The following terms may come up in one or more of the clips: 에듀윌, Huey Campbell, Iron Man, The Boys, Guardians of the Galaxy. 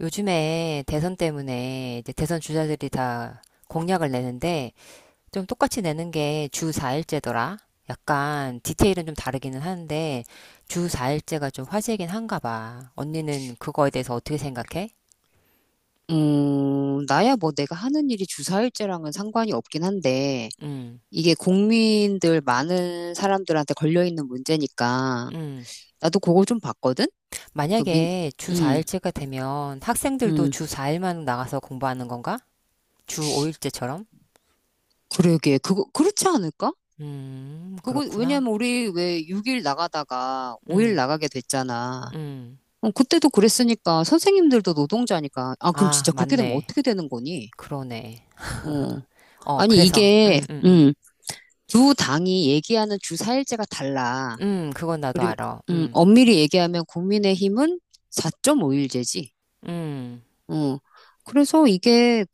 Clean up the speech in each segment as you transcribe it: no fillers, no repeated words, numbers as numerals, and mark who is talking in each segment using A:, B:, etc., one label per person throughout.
A: 요즘에 대선 때문에 이제 대선 주자들이 다 공약을 내는데 좀 똑같이 내는 게 주 4일제더라. 약간 디테일은 좀 다르기는 하는데 주 4일제가 좀 화제이긴 한가 봐. 언니는 그거에 대해서 어떻게 생각해?
B: 나야 뭐 내가 하는 일이 주사일제랑은 상관이 없긴 한데,
A: 음.
B: 이게 국민들 많은 사람들한테 걸려있는 문제니까,
A: 음.
B: 나도 그거 좀 봤거든? 그 민,
A: 만약에 주
B: 음,
A: 4일제가 되면 학생들도
B: 음,
A: 주 4일만 나가서 공부하는 건가? 주 5일제처럼?
B: 그러게. 그거, 그렇지 않을까? 그거,
A: 그렇구나.
B: 왜냐면 우리 왜 6일 나가다가 5일
A: 음,
B: 나가게 됐잖아.
A: 음.
B: 어, 그때도 그랬으니까, 선생님들도 노동자니까, 아, 그럼
A: 아,
B: 진짜 그렇게 되면
A: 맞네.
B: 어떻게 되는 거니?
A: 그러네.
B: 어,
A: 어,
B: 아니,
A: 그래서,
B: 이게, 두 당이 얘기하는 주사일제가 달라.
A: 그건 나도
B: 그리고
A: 알아.
B: 엄밀히 얘기하면 국민의힘은 4.5일제지.
A: 음,
B: 어. 그래서 이게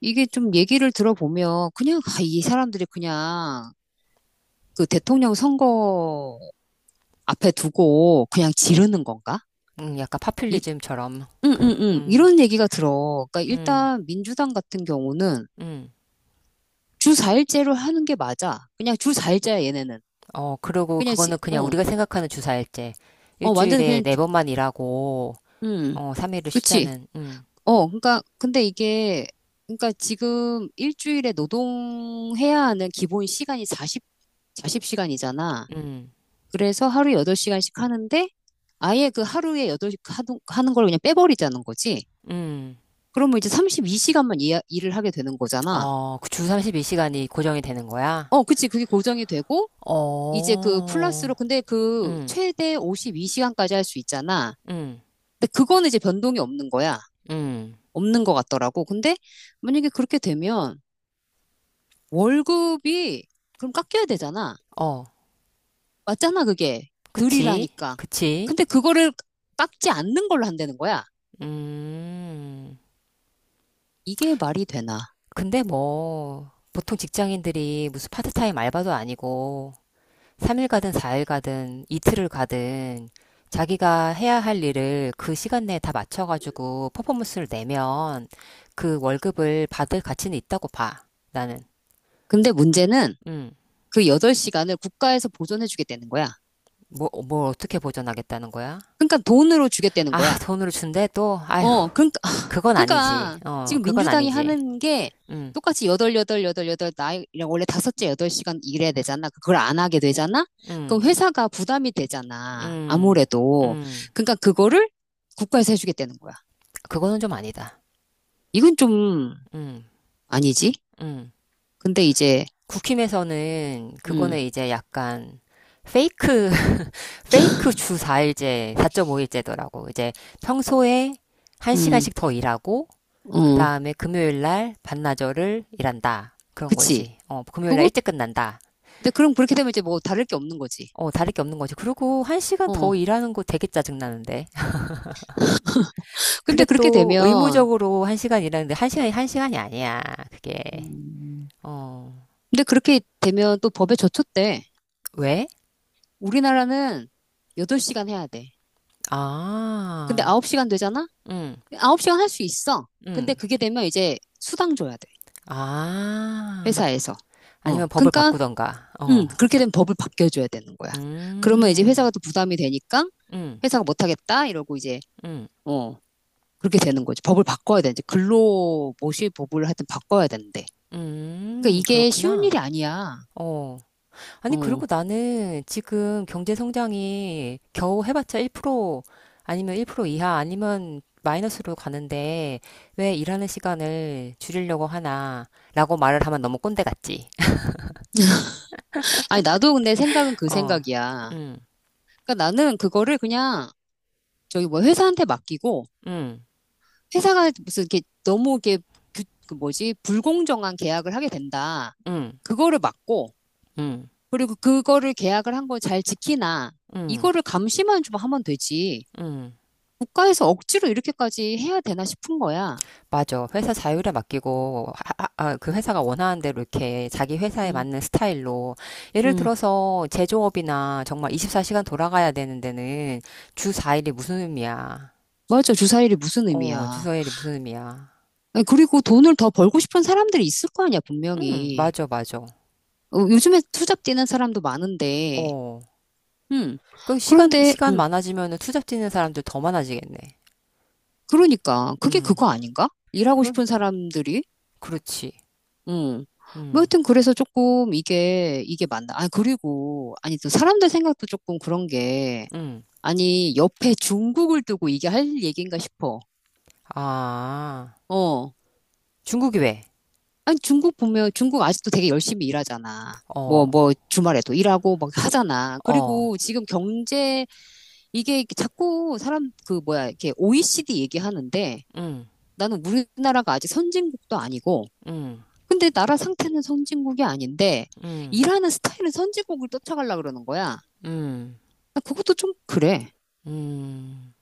B: 이게 좀 얘기를 들어보면 그냥 아, 이 사람들이 그냥 그 대통령 선거 앞에 두고 그냥 지르는 건가?
A: 약간
B: 이,
A: 파퓰리즘처럼.
B: 응, 응, 응.
A: 음,
B: 이런 얘기가 들어. 그러니까
A: 음,
B: 일단 민주당 같은 경우는
A: 음.
B: 주 4일제로 하는 게 맞아. 그냥 주 4일제야 얘네는.
A: 어, 그리고
B: 그냥 지,
A: 그거는 그냥
B: 어,
A: 우리가 생각하는 주사일제.
B: 완전
A: 일주일에
B: 그냥
A: 네 번만 일하고,
B: 음,
A: 어, 3일을
B: 그치.
A: 쉬자는,
B: 어, 그러니까 근데 이게 그러니까 지금 일주일에 노동해야 하는 기본 시간이 40 사십 시간이잖아.
A: 음,
B: 그래서 하루에 8시간씩 하는데 아예 그 하루에 8시간 하는 걸 그냥 빼버리자는 거지.
A: 음.
B: 그러면 이제 32시간만 일을 하게 되는 거잖아.
A: 어, 그주 32시간이 고정이 되는 거야?
B: 어, 그치. 그게 고정이 되고 이제 그
A: 어,
B: 플러스로 근데 그
A: 음,
B: 최대 52시간까지 할 수 있잖아.
A: 음,
B: 근데 그거는 이제 변동이 없는 거야.
A: 음.
B: 없는 것 같더라고. 근데 만약에 그렇게 되면 월급이 그럼 깎여야 되잖아.
A: 어,
B: 맞잖아, 그게.
A: 그치,
B: 들이라니까.
A: 그치.
B: 근데 그거를 깎지 않는 걸로 한다는 거야.
A: 음.
B: 이게 말이 되나.
A: 근데 뭐, 보통 직장인들이 무슨 파트타임 알바도 아니고, 3일 가든 4일 가든 이틀을 가든, 자기가 해야 할 일을 그 시간 내에 다 맞춰가지고 퍼포먼스를 내면 그 월급을 받을 가치는 있다고 봐, 나는.
B: 근데 문제는
A: 음,
B: 그 8시간을 국가에서 보존해주겠다는 거야.
A: 뭘 어떻게 보전하겠다는 거야?
B: 그러니까 돈으로 주겠다는
A: 아,
B: 거야.
A: 돈으로 준대? 또? 아휴,
B: 어, 그러니까,
A: 그건 아니지.
B: 그러니까
A: 어,
B: 지금
A: 그건
B: 민주당이
A: 아니지.
B: 하는 게
A: 음,
B: 똑같이 8, 8, 8, 8, 나이, 원래 다섯째 8시간 일해야 되잖아. 그걸 안 하게 되잖아? 그럼
A: 음,
B: 회사가 부담이 되잖아.
A: 음,
B: 아무래도.
A: 음.
B: 그러니까 그거를 국가에서 해주겠다는 거야.
A: 그거는 좀 아니다.
B: 이건 좀
A: 음,
B: 아니지.
A: 음.
B: 근데 이제,
A: 국힘에서는 그거는
B: 음,
A: 이제 약간 페이크, 페이크 주 4일제, 4.5일제더라고. 이제 평소에
B: 음,
A: 1시간씩 더 일하고, 그
B: 어,
A: 다음에 금요일 날 반나절을 일한다. 그런
B: 그치.
A: 거지. 어, 금요일 날
B: 그거,
A: 일찍 끝난다.
B: 근데 그럼 그렇게 되면 이제 뭐 다를 게 없는 거지.
A: 어, 다를 게 없는 거지. 그리고 1시간
B: 어.
A: 더 일하는 거 되게 짜증나는데.
B: 근데
A: 그게
B: 그렇게
A: 또
B: 되면,
A: 의무적으로 1시간 일하는데 1시간이 아니야. 그게.
B: 음,
A: 어,
B: 근데 그렇게 되면 또 법에 저촉돼.
A: 왜?
B: 우리나라는 8시간 해야 돼. 근데
A: 아,
B: 9시간 되잖아?
A: 응,
B: 9시간 할 수 있어. 근데
A: 응.
B: 그게 되면 이제 수당 줘야 돼.
A: 아.
B: 회사에서. 어.
A: 아니면 법을
B: 그러니까,
A: 바꾸던가. 어.
B: 그렇게 되면 법을 바뀌어줘야 되는 거야. 그러면 이제
A: 음.
B: 회사가 또 부담이 되니까
A: 음.
B: 회사가 못하겠다 이러고 이제,
A: 음.
B: 어. 그렇게 되는 거지. 법을 바꿔야 되는데 근로 모시 법을 하여튼 바꿔야 되는데. 그러니까
A: 음.
B: 이게 쉬운
A: 그렇구나.
B: 일이 아니야.
A: 어. 아니 그리고
B: 어.
A: 나는 지금 경제 성장이 겨우 해봤자 1% 아니면 1% 이하 아니면 마이너스로 가는데 왜 일하는 시간을 줄이려고 하나라고 말을 하면 너무 꼰대 같지.
B: 아니 나도 근데 생각은 그
A: 어.
B: 생각이야.
A: 음.
B: 그러니까 나는 그거를 그냥 저기 뭐 회사한테 맡기고
A: 음.
B: 회사가 무슨 이렇게 너무 이렇게 그 뭐지 불공정한 계약을 하게 된다.
A: 음.
B: 그거를 막고
A: 음.
B: 그리고 그거를 계약을 한 거 잘 지키나
A: 음.
B: 이거를 감시만 좀 하면 되지.
A: 음.
B: 국가에서 억지로 이렇게까지 해야 되나 싶은 거야.
A: 맞아. 회사 자율에 맡기고, 아, 그 회사가 원하는 대로 이렇게 자기 회사에
B: 음,
A: 맞는 스타일로. 예를
B: 음.
A: 들어서 제조업이나 정말 24시간 돌아가야 되는 데는 주 4일이 무슨 의미야.
B: 맞아. 주사일이 무슨
A: 어, 주
B: 의미야.
A: 4일이 무슨 의미야.
B: 그리고 돈을 더 벌고 싶은 사람들이 있을 거 아니야,
A: 응,
B: 분명히.
A: 맞아.
B: 어, 요즘에 투잡 뛰는 사람도 많은데,
A: 어.
B: 음.
A: 그 시간,
B: 그런데,
A: 시간 많아지면은 투잡 뛰는 사람들 더 많아지겠네.
B: 그러니까, 그게
A: 음.
B: 그거 아닌가? 일하고
A: 그,
B: 싶은 사람들이,
A: 그렇지.
B: 음. 뭐
A: 음,
B: 하여튼 그래서 조금 이게 맞나. 아, 그리고, 아니, 또 사람들 생각도 조금 그런 게,
A: 음.
B: 아니, 옆에 중국을 두고 이게 할 얘기인가 싶어.
A: 아,
B: 어.
A: 중국이 왜?
B: 아니, 중국 보면, 중국 아직도 되게 열심히 일하잖아.
A: 어,
B: 주말에도 일하고 막 하잖아.
A: 어,
B: 그리고 지금 경제 이게 자꾸 사람 그 뭐야 이렇게 OECD 얘기하는데 나는 우리나라가 아직 선진국도 아니고
A: 음,
B: 근데 나라 상태는 선진국이 아닌데
A: 음,
B: 일하는 스타일은 선진국을 쫓아가려 그러는 거야.
A: 음,
B: 나 그것도 좀 그래.
A: 음.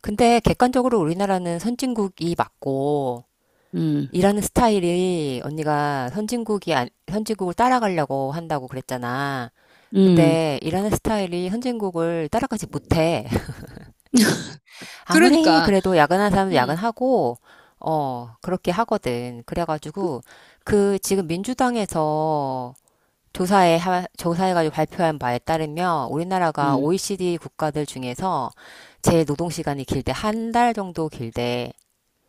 A: 근데 객관적으로 우리나라는 선진국이 맞고,
B: 음,
A: 일하는 스타일이 언니가 선진국이, 안- 선진국을 따라가려고 한다고 그랬잖아.
B: 음.
A: 근데 일하는 스타일이 선진국을 따라가지 못해. 아무리
B: 그러니까
A: 그래도 야근하는 사람도
B: 음,
A: 야근하고, 어, 그렇게 하거든. 그래가지고, 그 지금 민주당에서 조사해가지고 발표한 바에 따르면 우리나라가
B: 음,
A: OECD 국가들 중에서 제 노동시간이 길대, 한 달 정도 길대.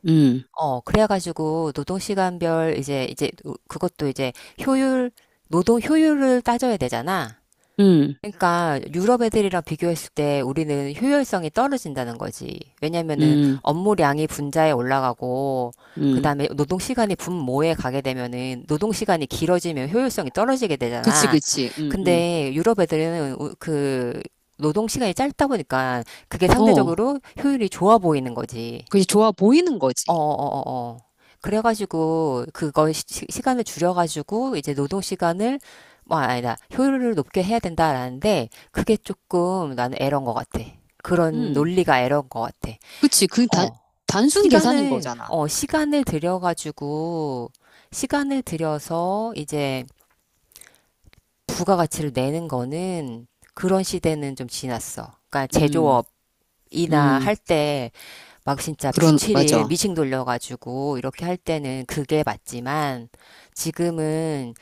B: 음,
A: 어, 그래가지고 노동시간별 그것도 이제 효율 노동 효율을 따져야 되잖아.
B: 음,
A: 그러니까 유럽 애들이랑 비교했을 때 우리는 효율성이 떨어진다는 거지. 왜냐면은
B: 음,
A: 업무량이 분자에 올라가고
B: 음.
A: 그다음에 노동 시간이 분모에 가게 되면은 노동 시간이 길어지면 효율성이 떨어지게
B: 그치,
A: 되잖아.
B: 그치.
A: 근데 유럽 애들은 그 노동 시간이 짧다 보니까 그게
B: 어,
A: 상대적으로 효율이 좋아 보이는 거지.
B: 그게 좋아 보이는 거지.
A: 어어어어. 그래 가지고 그거 시간을 줄여 가지고 이제 노동 시간을 뭐 아니다. 효율을 높게 해야 된다라는데 그게 조금 나는 에러인 것 같아. 그런
B: 음,
A: 논리가 에러인 것 같아.
B: 그치. 그
A: 어.
B: 단순 계산인
A: 시간을
B: 거잖아.
A: 어 시간을 들여 가지고 시간을 들여서 이제 부가가치를 내는 거는 그런 시대는 좀 지났어. 그러니까
B: 음,
A: 제조업이나
B: 음.
A: 할때 막 진짜 주
B: 그런
A: 7일
B: 맞아.
A: 미싱 돌려가지고 이렇게 할 때는 그게 맞지만 지금은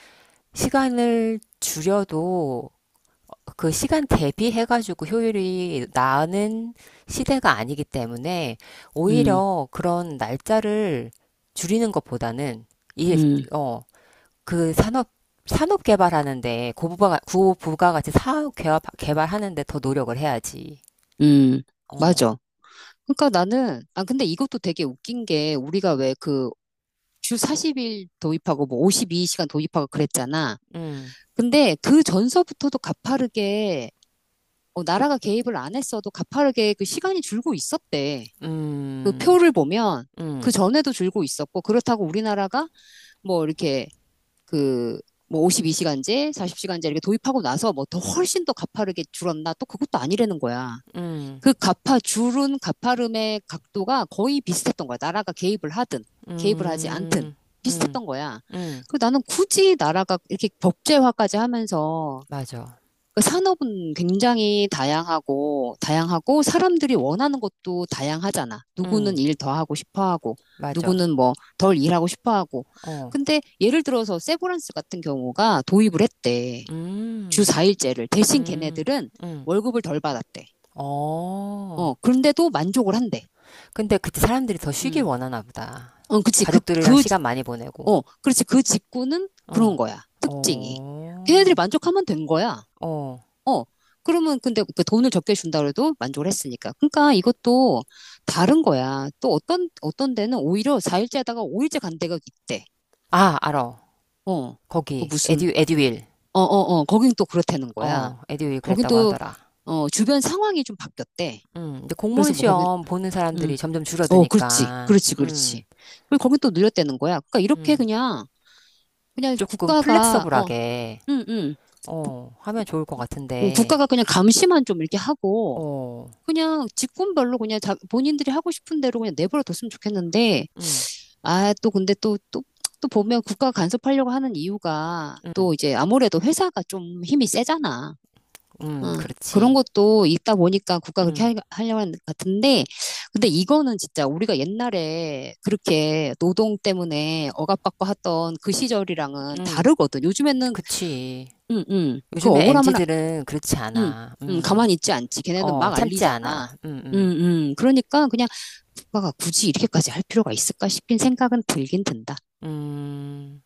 A: 시간을 줄여도 그 시간 대비해가지고 효율이 나는 시대가 아니기 때문에
B: 음,
A: 오히려 그런 날짜를 줄이는 것보다는 이,
B: 음.
A: 어, 그 산업, 산업 개발하는데 고부가 같이 사업 개발하는데 더 노력을 해야지.
B: 음,
A: 어,
B: 맞아. 그러니까 나는, 아, 근데 이것도 되게 웃긴 게, 우리가 왜 그 주 40일 도입하고 뭐 52시간 도입하고 그랬잖아.
A: 음,
B: 근데 그 전서부터도 가파르게, 어, 나라가 개입을 안 했어도 가파르게 그 시간이 줄고 있었대. 그
A: 음,
B: 표를 보면, 그
A: 음,
B: 전에도 줄고 있었고, 그렇다고 우리나라가 뭐 이렇게 그, 뭐 52시간제, 40시간제 이렇게 도입하고 나서 뭐 더 훨씬 더 가파르게 줄었나? 또 그것도 아니라는 거야.
A: 음.
B: 그 줄은 가파름의 각도가 거의 비슷했던 거야. 나라가 개입을 하든, 개입을 하지 않든,
A: 음. 음.
B: 비슷했던 거야.
A: 음.
B: 그 나는 굳이 나라가 이렇게 법제화까지 하면서,
A: 맞아.
B: 그 산업은 굉장히 다양하고, 다양하고, 사람들이 원하는 것도 다양하잖아. 누구는
A: 음.
B: 일 더 하고 싶어 하고,
A: 맞아.
B: 누구는 뭐 덜 일하고 싶어 하고.
A: 어.
B: 근데 예를 들어서 세브란스 같은 경우가 도입을 했대. 주
A: 음.
B: 4일제를. 대신
A: 음.
B: 걔네들은
A: 음.
B: 월급을 덜 받았대.
A: 어.
B: 어, 그런데도 만족을 한대.
A: 근데 그때 사람들이 더 쉬길
B: 음.
A: 원하나 보다.
B: 어, 그치.
A: 가족들이랑 시간 많이 보내고.
B: 어, 그렇지. 그 직구는 그런
A: 어.
B: 거야. 특징이. 걔네들이
A: 어.
B: 만족하면 된 거야.
A: 어.
B: 어. 그러면 근데 그 돈을 적게 준다 그래도 만족을 했으니까. 그러니까 이것도 다른 거야. 또 어떤 데는 오히려 4일째 하다가 5일째 간 데가 있대.
A: 아, 알아.
B: 어. 그
A: 거기
B: 무슨,
A: 에듀윌.
B: 어, 어, 어. 거긴 또 그렇다는 거야.
A: 어, 에듀윌
B: 거긴
A: 그랬다고
B: 또,
A: 하더라.
B: 어, 주변 상황이 좀 바뀌었대.
A: 음. 근데 공무원
B: 그래서 뭐 거긴,
A: 시험 보는
B: 음.
A: 사람들이 점점
B: 어, 그렇지.
A: 줄어드니까.
B: 그렇지. 그렇지.
A: 음.
B: 그리고 거긴 또 늘렸다는 거야. 그러니까 이렇게
A: 음.
B: 그냥
A: 조금
B: 국가가, 어,
A: 플렉서블하게
B: 응, 응. 부-
A: 어, 하면 좋을 것
B: 응,
A: 같은데.
B: 국가가 그냥 감시만 좀 이렇게 하고,
A: 어,
B: 그냥 직군별로 그냥 자, 본인들이 하고 싶은 대로 그냥 내버려 뒀으면 좋겠는데,
A: 응,
B: 아, 또 근데 또 보면 국가가 간섭하려고 하는 이유가
A: 응,
B: 또 이제 아무래도 회사가 좀 힘이 세잖아.
A: 응,
B: 어, 그런
A: 그렇지.
B: 것도 있다 보니까 국가가 그렇게
A: 응,
B: 하려고 하는 것 같은데, 근데 이거는 진짜 우리가 옛날에 그렇게 노동 때문에 억압받고 했던 그 시절이랑은
A: 응,
B: 다르거든. 요즘에는,
A: 그치.
B: 응, 응. 그
A: 요즘에 m
B: 억울함을
A: 지들은 그렇지
B: 응,
A: 않아.
B: 응, 가만히 있지 않지. 걔네는
A: 어,
B: 막
A: 참지
B: 알리잖아.
A: 않아.
B: 응, 응. 그러니까 그냥 국가가 굳이 이렇게까지 할 필요가 있을까 싶긴 생각은 들긴 든다.
A: 음.